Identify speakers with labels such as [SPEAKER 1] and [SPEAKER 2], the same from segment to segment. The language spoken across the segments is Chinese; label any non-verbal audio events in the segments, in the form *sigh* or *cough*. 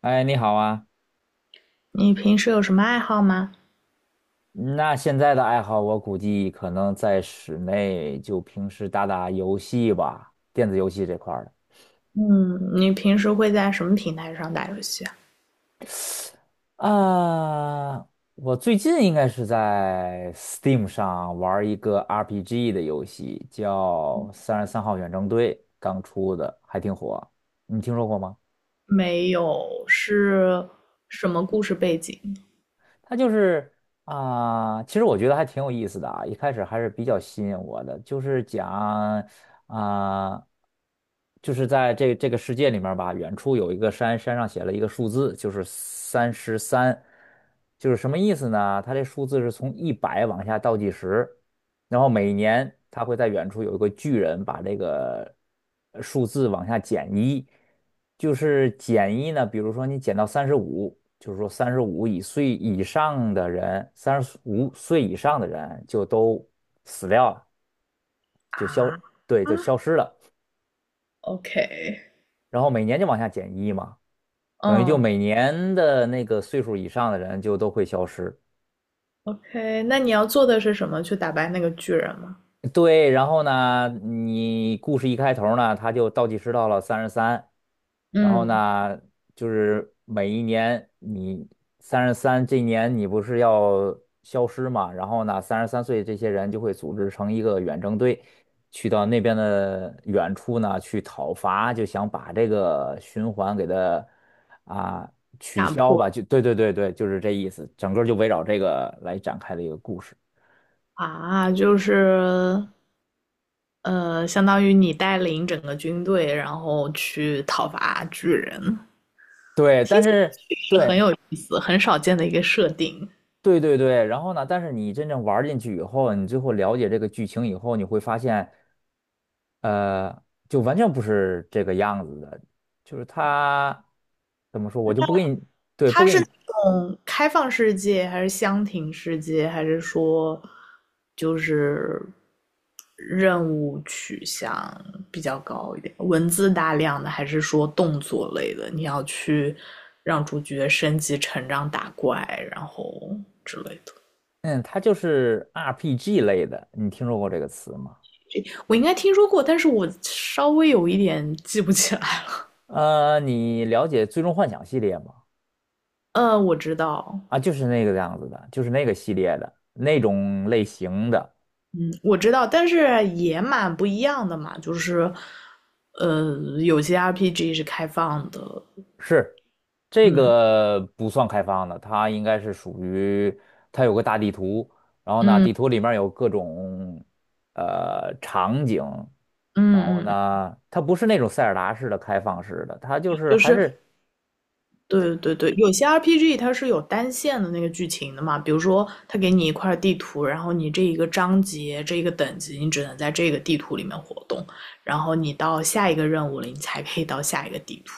[SPEAKER 1] 哎，你好啊！
[SPEAKER 2] 你平时有什么爱好吗？
[SPEAKER 1] 那现在的爱好，我估计可能在室内就平时打打游戏吧，电子游戏这块儿的。
[SPEAKER 2] 嗯，你平时会在什么平台上打游戏啊？
[SPEAKER 1] 啊，我最近应该是在 Steam 上玩儿一个 RPG 的游戏，叫《三十三号远征队》，刚出的，还挺火。你听说过吗？
[SPEAKER 2] 没有，是什么故事背景
[SPEAKER 1] 它就是啊、其实我觉得还挺有意思的啊，一开始还是比较吸引我的，就是讲啊、就是在这个世界里面吧，远处有一个山，山上写了一个数字，就是三十三，就是什么意思呢？它这数字是从一百往下倒计时，然后每年它会在远处有一个巨人把这个数字往下减一，就是减一呢，比如说你减到三十五。就是说三十五以岁以上的人，三十五岁以上的人就都死掉了，
[SPEAKER 2] 啊？
[SPEAKER 1] 对，
[SPEAKER 2] 啊
[SPEAKER 1] 就消失了。
[SPEAKER 2] ，OK。
[SPEAKER 1] 然后每年就往下减一嘛，等于就
[SPEAKER 2] 嗯
[SPEAKER 1] 每年的那个岁数以上的人就都会消失。
[SPEAKER 2] ，OK，那你要做的是什么？去打败那个巨人吗？
[SPEAKER 1] 对，然后呢，你故事一开头呢，他就倒计时到了三十三，然后
[SPEAKER 2] 嗯，
[SPEAKER 1] 呢，就是每一年你三十三这一年你不是要消失嘛，然后呢，三十三岁这些人就会组织成一个远征队，去到那边的远处呢去讨伐，就想把这个循环给它啊取
[SPEAKER 2] 打
[SPEAKER 1] 消
[SPEAKER 2] 破
[SPEAKER 1] 吧，
[SPEAKER 2] 的
[SPEAKER 1] 就对对对对，就是这意思，整个就围绕这个来展开的一个故事。
[SPEAKER 2] 啊，就是相当于你带领整个军队，然后去讨伐巨人，
[SPEAKER 1] 对，但是
[SPEAKER 2] 是很
[SPEAKER 1] 对
[SPEAKER 2] 有意思、很少见的一个设定。
[SPEAKER 1] 对对对，然后呢，但是你真正玩儿进去以后，你最后了解这个剧情以后，你会发现，呃，就完全不是这个样子的，就是它怎么说，我就不给你，对，不给你，
[SPEAKER 2] 嗯，开放世界还是箱庭世界，还是说就是任务取向比较高一点，文字大量的，还是说动作类的？你要去让主角升级、成长、打怪，然后之类的。
[SPEAKER 1] 嗯，它就是 RPG 类的，你听说过这个词吗？
[SPEAKER 2] 我应该听说过，但是我稍微有一点记不起来。
[SPEAKER 1] 你了解《最终幻想》系列吗？
[SPEAKER 2] 我知道。
[SPEAKER 1] 啊，就是那个样子的，就是那个系列的那种类型的。
[SPEAKER 2] 嗯，我知道，但是也蛮不一样的嘛，就是。有些 RPG 是开放的，
[SPEAKER 1] 是，这
[SPEAKER 2] 嗯
[SPEAKER 1] 个不算开放的，它应该是属于它有个大地图，然后呢，
[SPEAKER 2] 嗯
[SPEAKER 1] 地图里面有各种场景，然后
[SPEAKER 2] 嗯嗯，
[SPEAKER 1] 呢，它不是那种塞尔达式的开放式的，它就是
[SPEAKER 2] 就
[SPEAKER 1] 还
[SPEAKER 2] 是
[SPEAKER 1] 是
[SPEAKER 2] 对对对，有些 RPG 它是有单线的那个剧情的嘛，比如说它给你一块地图，然后你这一个章节、这一个等级，你只能在这个地图里面活动，然后你到下一个任务了，你才可以到下一个地图。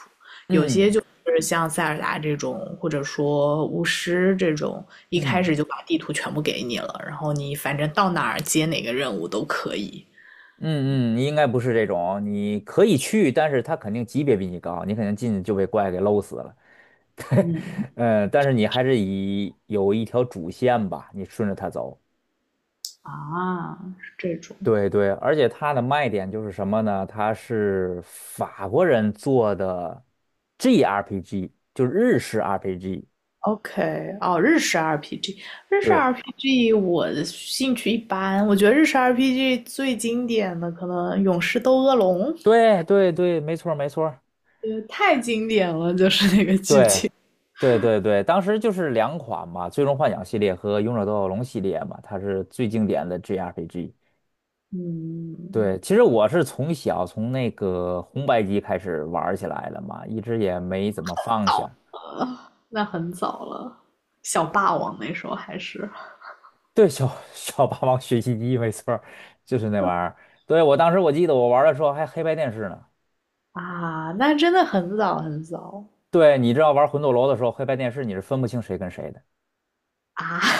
[SPEAKER 1] 嗯
[SPEAKER 2] 就是像塞尔达这种，或者说巫师这种，一开
[SPEAKER 1] 嗯
[SPEAKER 2] 始就把地图全部给你了，然后你反正到哪儿接哪个任务都可以。
[SPEAKER 1] 嗯嗯，应该不是这种，你可以去，但是它肯定级别比你高，你肯定进去就被怪给搂死了。*laughs* 对，
[SPEAKER 2] 嗯
[SPEAKER 1] 嗯，但是你还是以有一条主线吧，你顺着它走。
[SPEAKER 2] 啊，是这种。
[SPEAKER 1] 对对，而且它的卖点就是什么呢？它是法国人做的 GRPG，就是日式 RPG。
[SPEAKER 2] OK，哦，日式 RPG，日式
[SPEAKER 1] 对
[SPEAKER 2] RPG 我的兴趣一般，我觉得日式 RPG 最经典的可能《勇士斗恶龙》，
[SPEAKER 1] 对对对，没错儿没错儿。
[SPEAKER 2] 太经典了，就是那个剧
[SPEAKER 1] 对
[SPEAKER 2] 情。
[SPEAKER 1] 对对对，当时就是两款嘛，《最终幻想》系列和《勇者斗恶龙》系列嘛，它是最经典的 GRPG。
[SPEAKER 2] 嗯，
[SPEAKER 1] 对，其实我是从小从那个红白机开始玩儿起来了嘛，一直也没怎么放下。
[SPEAKER 2] 那很早了，小霸王那时候还是
[SPEAKER 1] 对，小 *laughs* 小霸王学习机没错儿就是那玩意
[SPEAKER 2] *laughs*
[SPEAKER 1] 儿。对，我当时我记得我玩儿的时候还黑白电视呢。
[SPEAKER 2] 啊，那真的很早很早
[SPEAKER 1] 对，你知道玩魂斗罗的时候，黑白电视你是分不清谁跟谁的。
[SPEAKER 2] 啊，*laughs*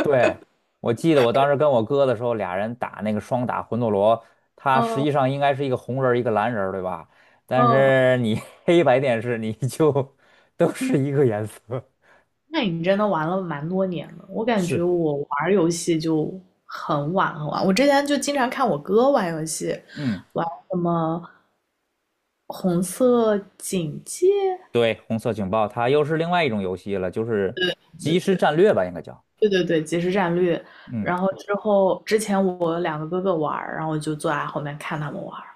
[SPEAKER 1] 对，我记得我当时跟我哥的时候，俩人打那个双打魂斗罗，它实际
[SPEAKER 2] 嗯
[SPEAKER 1] 上应该是一个红人儿一个蓝人儿对吧？但
[SPEAKER 2] 嗯，
[SPEAKER 1] 是你 *laughs* 黑白电视你就 *laughs* 都是一个颜色。
[SPEAKER 2] 那你真的玩了蛮多年
[SPEAKER 1] *laughs*
[SPEAKER 2] 了，我感觉
[SPEAKER 1] 是，
[SPEAKER 2] 我玩游戏就很晚很晚。我之前就经常看我哥玩游戏，
[SPEAKER 1] 嗯，
[SPEAKER 2] 玩什么《红色警戒》，
[SPEAKER 1] 对，红色警报，它又是另外一种游戏了，就是即时战略吧，应该叫。
[SPEAKER 2] 对对对，即时战略。
[SPEAKER 1] 嗯
[SPEAKER 2] 然后之后，之前我两个哥哥玩儿，然后我就坐在后面看他们玩儿。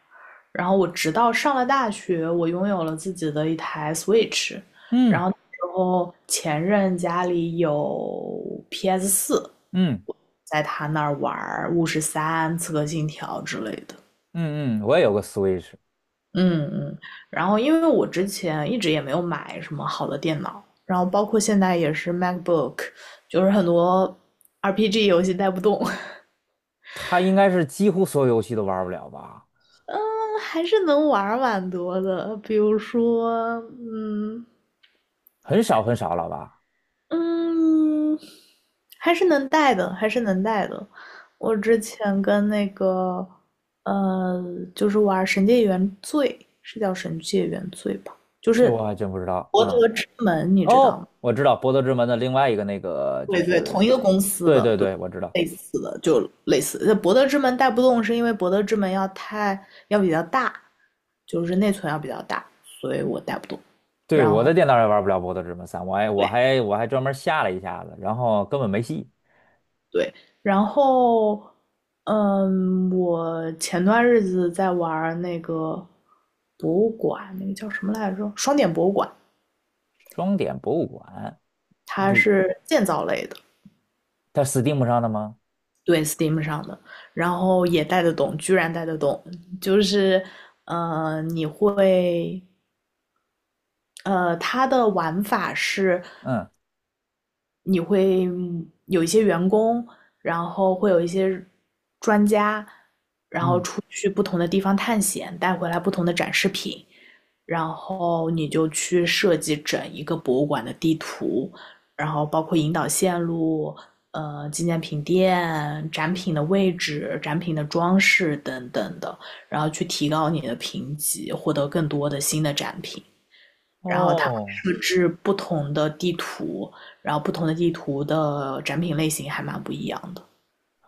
[SPEAKER 2] 然后我直到上了大学，我拥有了自己的一台 Switch，然
[SPEAKER 1] 嗯
[SPEAKER 2] 后那时候前任家里有 PS4，
[SPEAKER 1] 嗯。
[SPEAKER 2] 在他那儿玩儿《巫师三》《刺客信条》之类的。
[SPEAKER 1] 嗯嗯，我也有个 Switch，
[SPEAKER 2] 嗯嗯，然后因为我之前一直也没有买什么好的电脑，然后包括现在也是 MacBook，就是很多 RPG 游戏带不动。
[SPEAKER 1] 它应该是几乎所有游戏都玩不了吧？
[SPEAKER 2] *laughs* 嗯，还是能玩蛮多的，比如说，嗯
[SPEAKER 1] 很少很少了吧？
[SPEAKER 2] 嗯，还是能带的，还是能带的。我之前跟那个呃，就是玩《神界原罪》，是叫《神界原罪》吧，就
[SPEAKER 1] 这
[SPEAKER 2] 是
[SPEAKER 1] 我还真不知道。
[SPEAKER 2] 博
[SPEAKER 1] 嗯，
[SPEAKER 2] 德之门，你知道吗？
[SPEAKER 1] 哦，我知道《博德之门》的另外一个那个就
[SPEAKER 2] 对对，同一
[SPEAKER 1] 是，
[SPEAKER 2] 个公司
[SPEAKER 1] 对
[SPEAKER 2] 的，
[SPEAKER 1] 对
[SPEAKER 2] 对，
[SPEAKER 1] 对，我知道。
[SPEAKER 2] 类似的就类似。那博德之门带不动，是因为博德之门要太要比较大，就是内存要比较大，所以我带不动。
[SPEAKER 1] 对，
[SPEAKER 2] 然
[SPEAKER 1] 我
[SPEAKER 2] 后
[SPEAKER 1] 的电脑也玩不了《博德之门三》，我还我
[SPEAKER 2] 对
[SPEAKER 1] 还我还专门下了一下子，然后根本没戏。
[SPEAKER 2] 对，然后嗯，我前段日子在玩那个博物馆，那个叫什么来着？双点博物馆，
[SPEAKER 1] 双点博物馆
[SPEAKER 2] 它
[SPEAKER 1] 不，
[SPEAKER 2] 是建造类的。
[SPEAKER 1] 它 Steam 上的吗？
[SPEAKER 2] 对，Steam 上的，然后也带得动，居然带得动，就是你会。它的玩法是
[SPEAKER 1] 嗯
[SPEAKER 2] 你会有一些员工，然后会有一些专家，然后
[SPEAKER 1] 嗯，
[SPEAKER 2] 出去不同的地方探险，带回来不同的展示品，然后你就去设计整一个博物馆的地图，然后包括引导线路、纪念品店、展品的位置、展品的装饰等等的，然后去提高你的评级，获得更多的新的展品。然后它会
[SPEAKER 1] 哦。
[SPEAKER 2] 设置不同的地图，然后不同的地图的展品类型还蛮不一样的。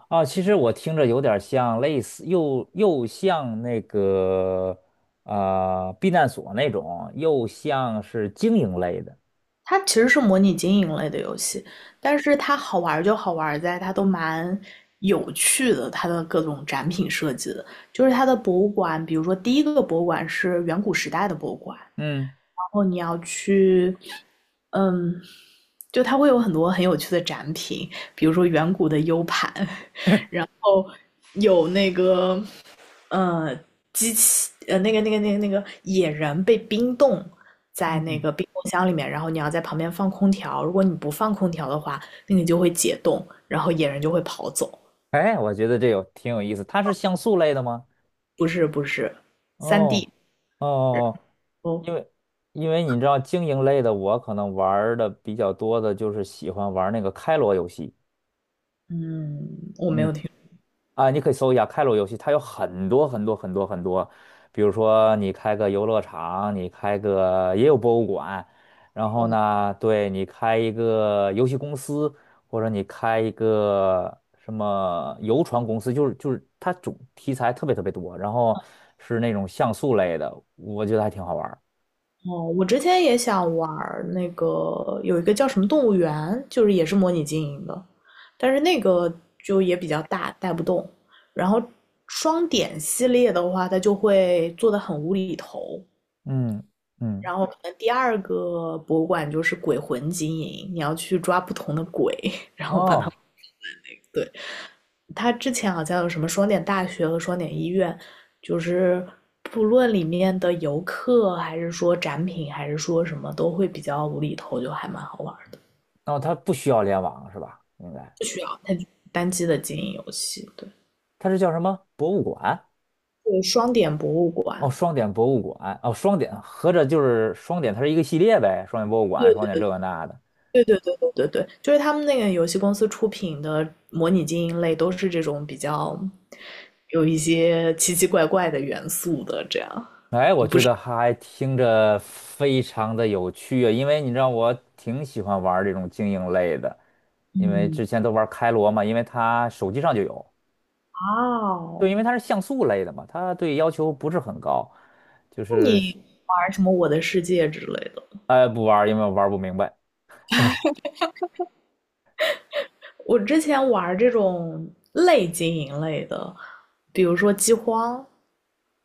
[SPEAKER 1] 啊，其实我听着有点像类似，又像那个避难所那种，又像是经营类的。
[SPEAKER 2] 它其实是模拟经营类的游戏，但是它好玩就好玩在它都蛮有趣的，它的各种展品设计的，就是它的博物馆，比如说第一个博物馆是远古时代的博物馆，然
[SPEAKER 1] 嗯
[SPEAKER 2] 后你要去，嗯，就它会有很多很有趣的展品，比如说远古的 U 盘，哦，有那个呃机器那个野人被冰冻在那
[SPEAKER 1] 嗯，
[SPEAKER 2] 个冰冻箱里面，然后你要在旁边放空调，如果你不放空调的话，那你就会解冻，然后野人就会跑走。
[SPEAKER 1] 哎，我觉得这有挺有意思。它是像素类的吗？
[SPEAKER 2] 不是不是，3D。
[SPEAKER 1] 哦哦
[SPEAKER 2] 然
[SPEAKER 1] 哦，
[SPEAKER 2] 后
[SPEAKER 1] 因为因为你知道经营类的，我可能玩儿的比较多的就是喜欢玩儿那个开罗游戏。
[SPEAKER 2] 嗯，我没
[SPEAKER 1] 嗯。
[SPEAKER 2] 有听
[SPEAKER 1] 啊，你可以搜一下开罗游戏，它有很多很多很多很多，比如说你开个游乐场，你开个也有博物馆，然后呢，对你开一个游戏公司，或者你开一个什么游船公司，就是它主题材特别特别多，然后是那种像素类的，我觉得还挺好玩儿
[SPEAKER 2] 哦，我之前也想玩儿那个有一个叫什么动物园，就是也是模拟经营的，但是那个就也比较大，带不动。然后双点系列的话，它就会做的很无厘头。
[SPEAKER 1] 嗯嗯，
[SPEAKER 2] 然后可能第二个博物馆就是鬼魂经营，你要去抓不同的鬼。
[SPEAKER 1] 哦，
[SPEAKER 2] *laughs* 对，它之前好像有什么双点大学和双点医院，就是不论里面的游客还是说展品还是说什么，都会比较无厘头，就还蛮好玩儿。
[SPEAKER 1] 那它不需要联网是吧？应该
[SPEAKER 2] 不需要。它单机的经营游戏，对。
[SPEAKER 1] 它是叫什么博物馆？
[SPEAKER 2] 对，双点博物
[SPEAKER 1] 哦，
[SPEAKER 2] 馆。
[SPEAKER 1] 双点博物馆，哦，双点，合着就是双点，它是一个系列呗，双点博物馆，双点这个那的。
[SPEAKER 2] 对对对对对对，就是他们那个游戏公司出品的模拟经营类都是这种比较有一些奇奇怪怪的元素的，这样。
[SPEAKER 1] 哎，我觉得还听着非常的有趣啊，因为你知道我挺喜欢玩这种经营类的，因为
[SPEAKER 2] 嗯，
[SPEAKER 1] 之前都玩开罗嘛，因为它手机上就有，对，因为
[SPEAKER 2] 哦，
[SPEAKER 1] 它是像素类的嘛，它对要求不是很高，就
[SPEAKER 2] 那
[SPEAKER 1] 是
[SPEAKER 2] 你
[SPEAKER 1] 是，
[SPEAKER 2] 玩什么《我的世界》之类的？
[SPEAKER 1] 哎，不玩儿因为我玩不明白。*laughs* 嗯
[SPEAKER 2] 我之前玩这种类经营类的，比如说《饥荒》，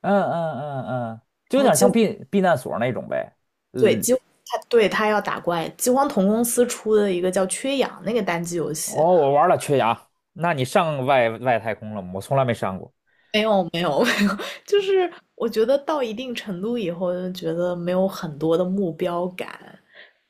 [SPEAKER 1] 嗯嗯嗯，就有
[SPEAKER 2] 然后
[SPEAKER 1] 点
[SPEAKER 2] 《饥
[SPEAKER 1] 像避难所那种呗。
[SPEAKER 2] 对，
[SPEAKER 1] 嗯。
[SPEAKER 2] 饥他对他要打怪，饥荒同公司出的一个叫《缺氧》那个单机游
[SPEAKER 1] 哦，
[SPEAKER 2] 戏，
[SPEAKER 1] 我玩了缺牙，那你上外太空了吗？我从来没上过。
[SPEAKER 2] 没有没有 *laughs* 没有，就是我觉得到一定程度以后，就觉得没有很多的目标感，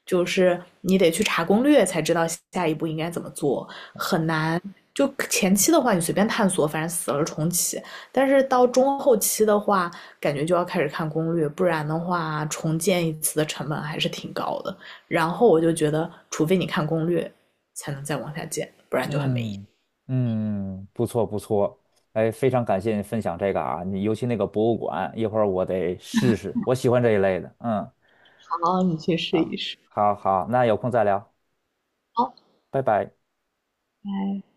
[SPEAKER 2] 就是你得去查攻略才知道下一步应该怎么做，很难。就前期的话，你随便探索，反正死了重启。但是到中后期的话，感觉就要开始看攻略，不然的话，重建一次的成本还是挺高的。然后我就觉得，除非你看攻略，才能再往下建，不然就很没意
[SPEAKER 1] 嗯
[SPEAKER 2] 思。
[SPEAKER 1] 嗯，不错不错，哎，非常感谢你分享这个啊，你尤其那个博物馆，一会儿我得试试，我喜欢这一类的。嗯，
[SPEAKER 2] 好，你去试
[SPEAKER 1] 啊，
[SPEAKER 2] 一试。
[SPEAKER 1] 好好，那有空再聊，
[SPEAKER 2] 好，
[SPEAKER 1] 拜拜。
[SPEAKER 2] 拜。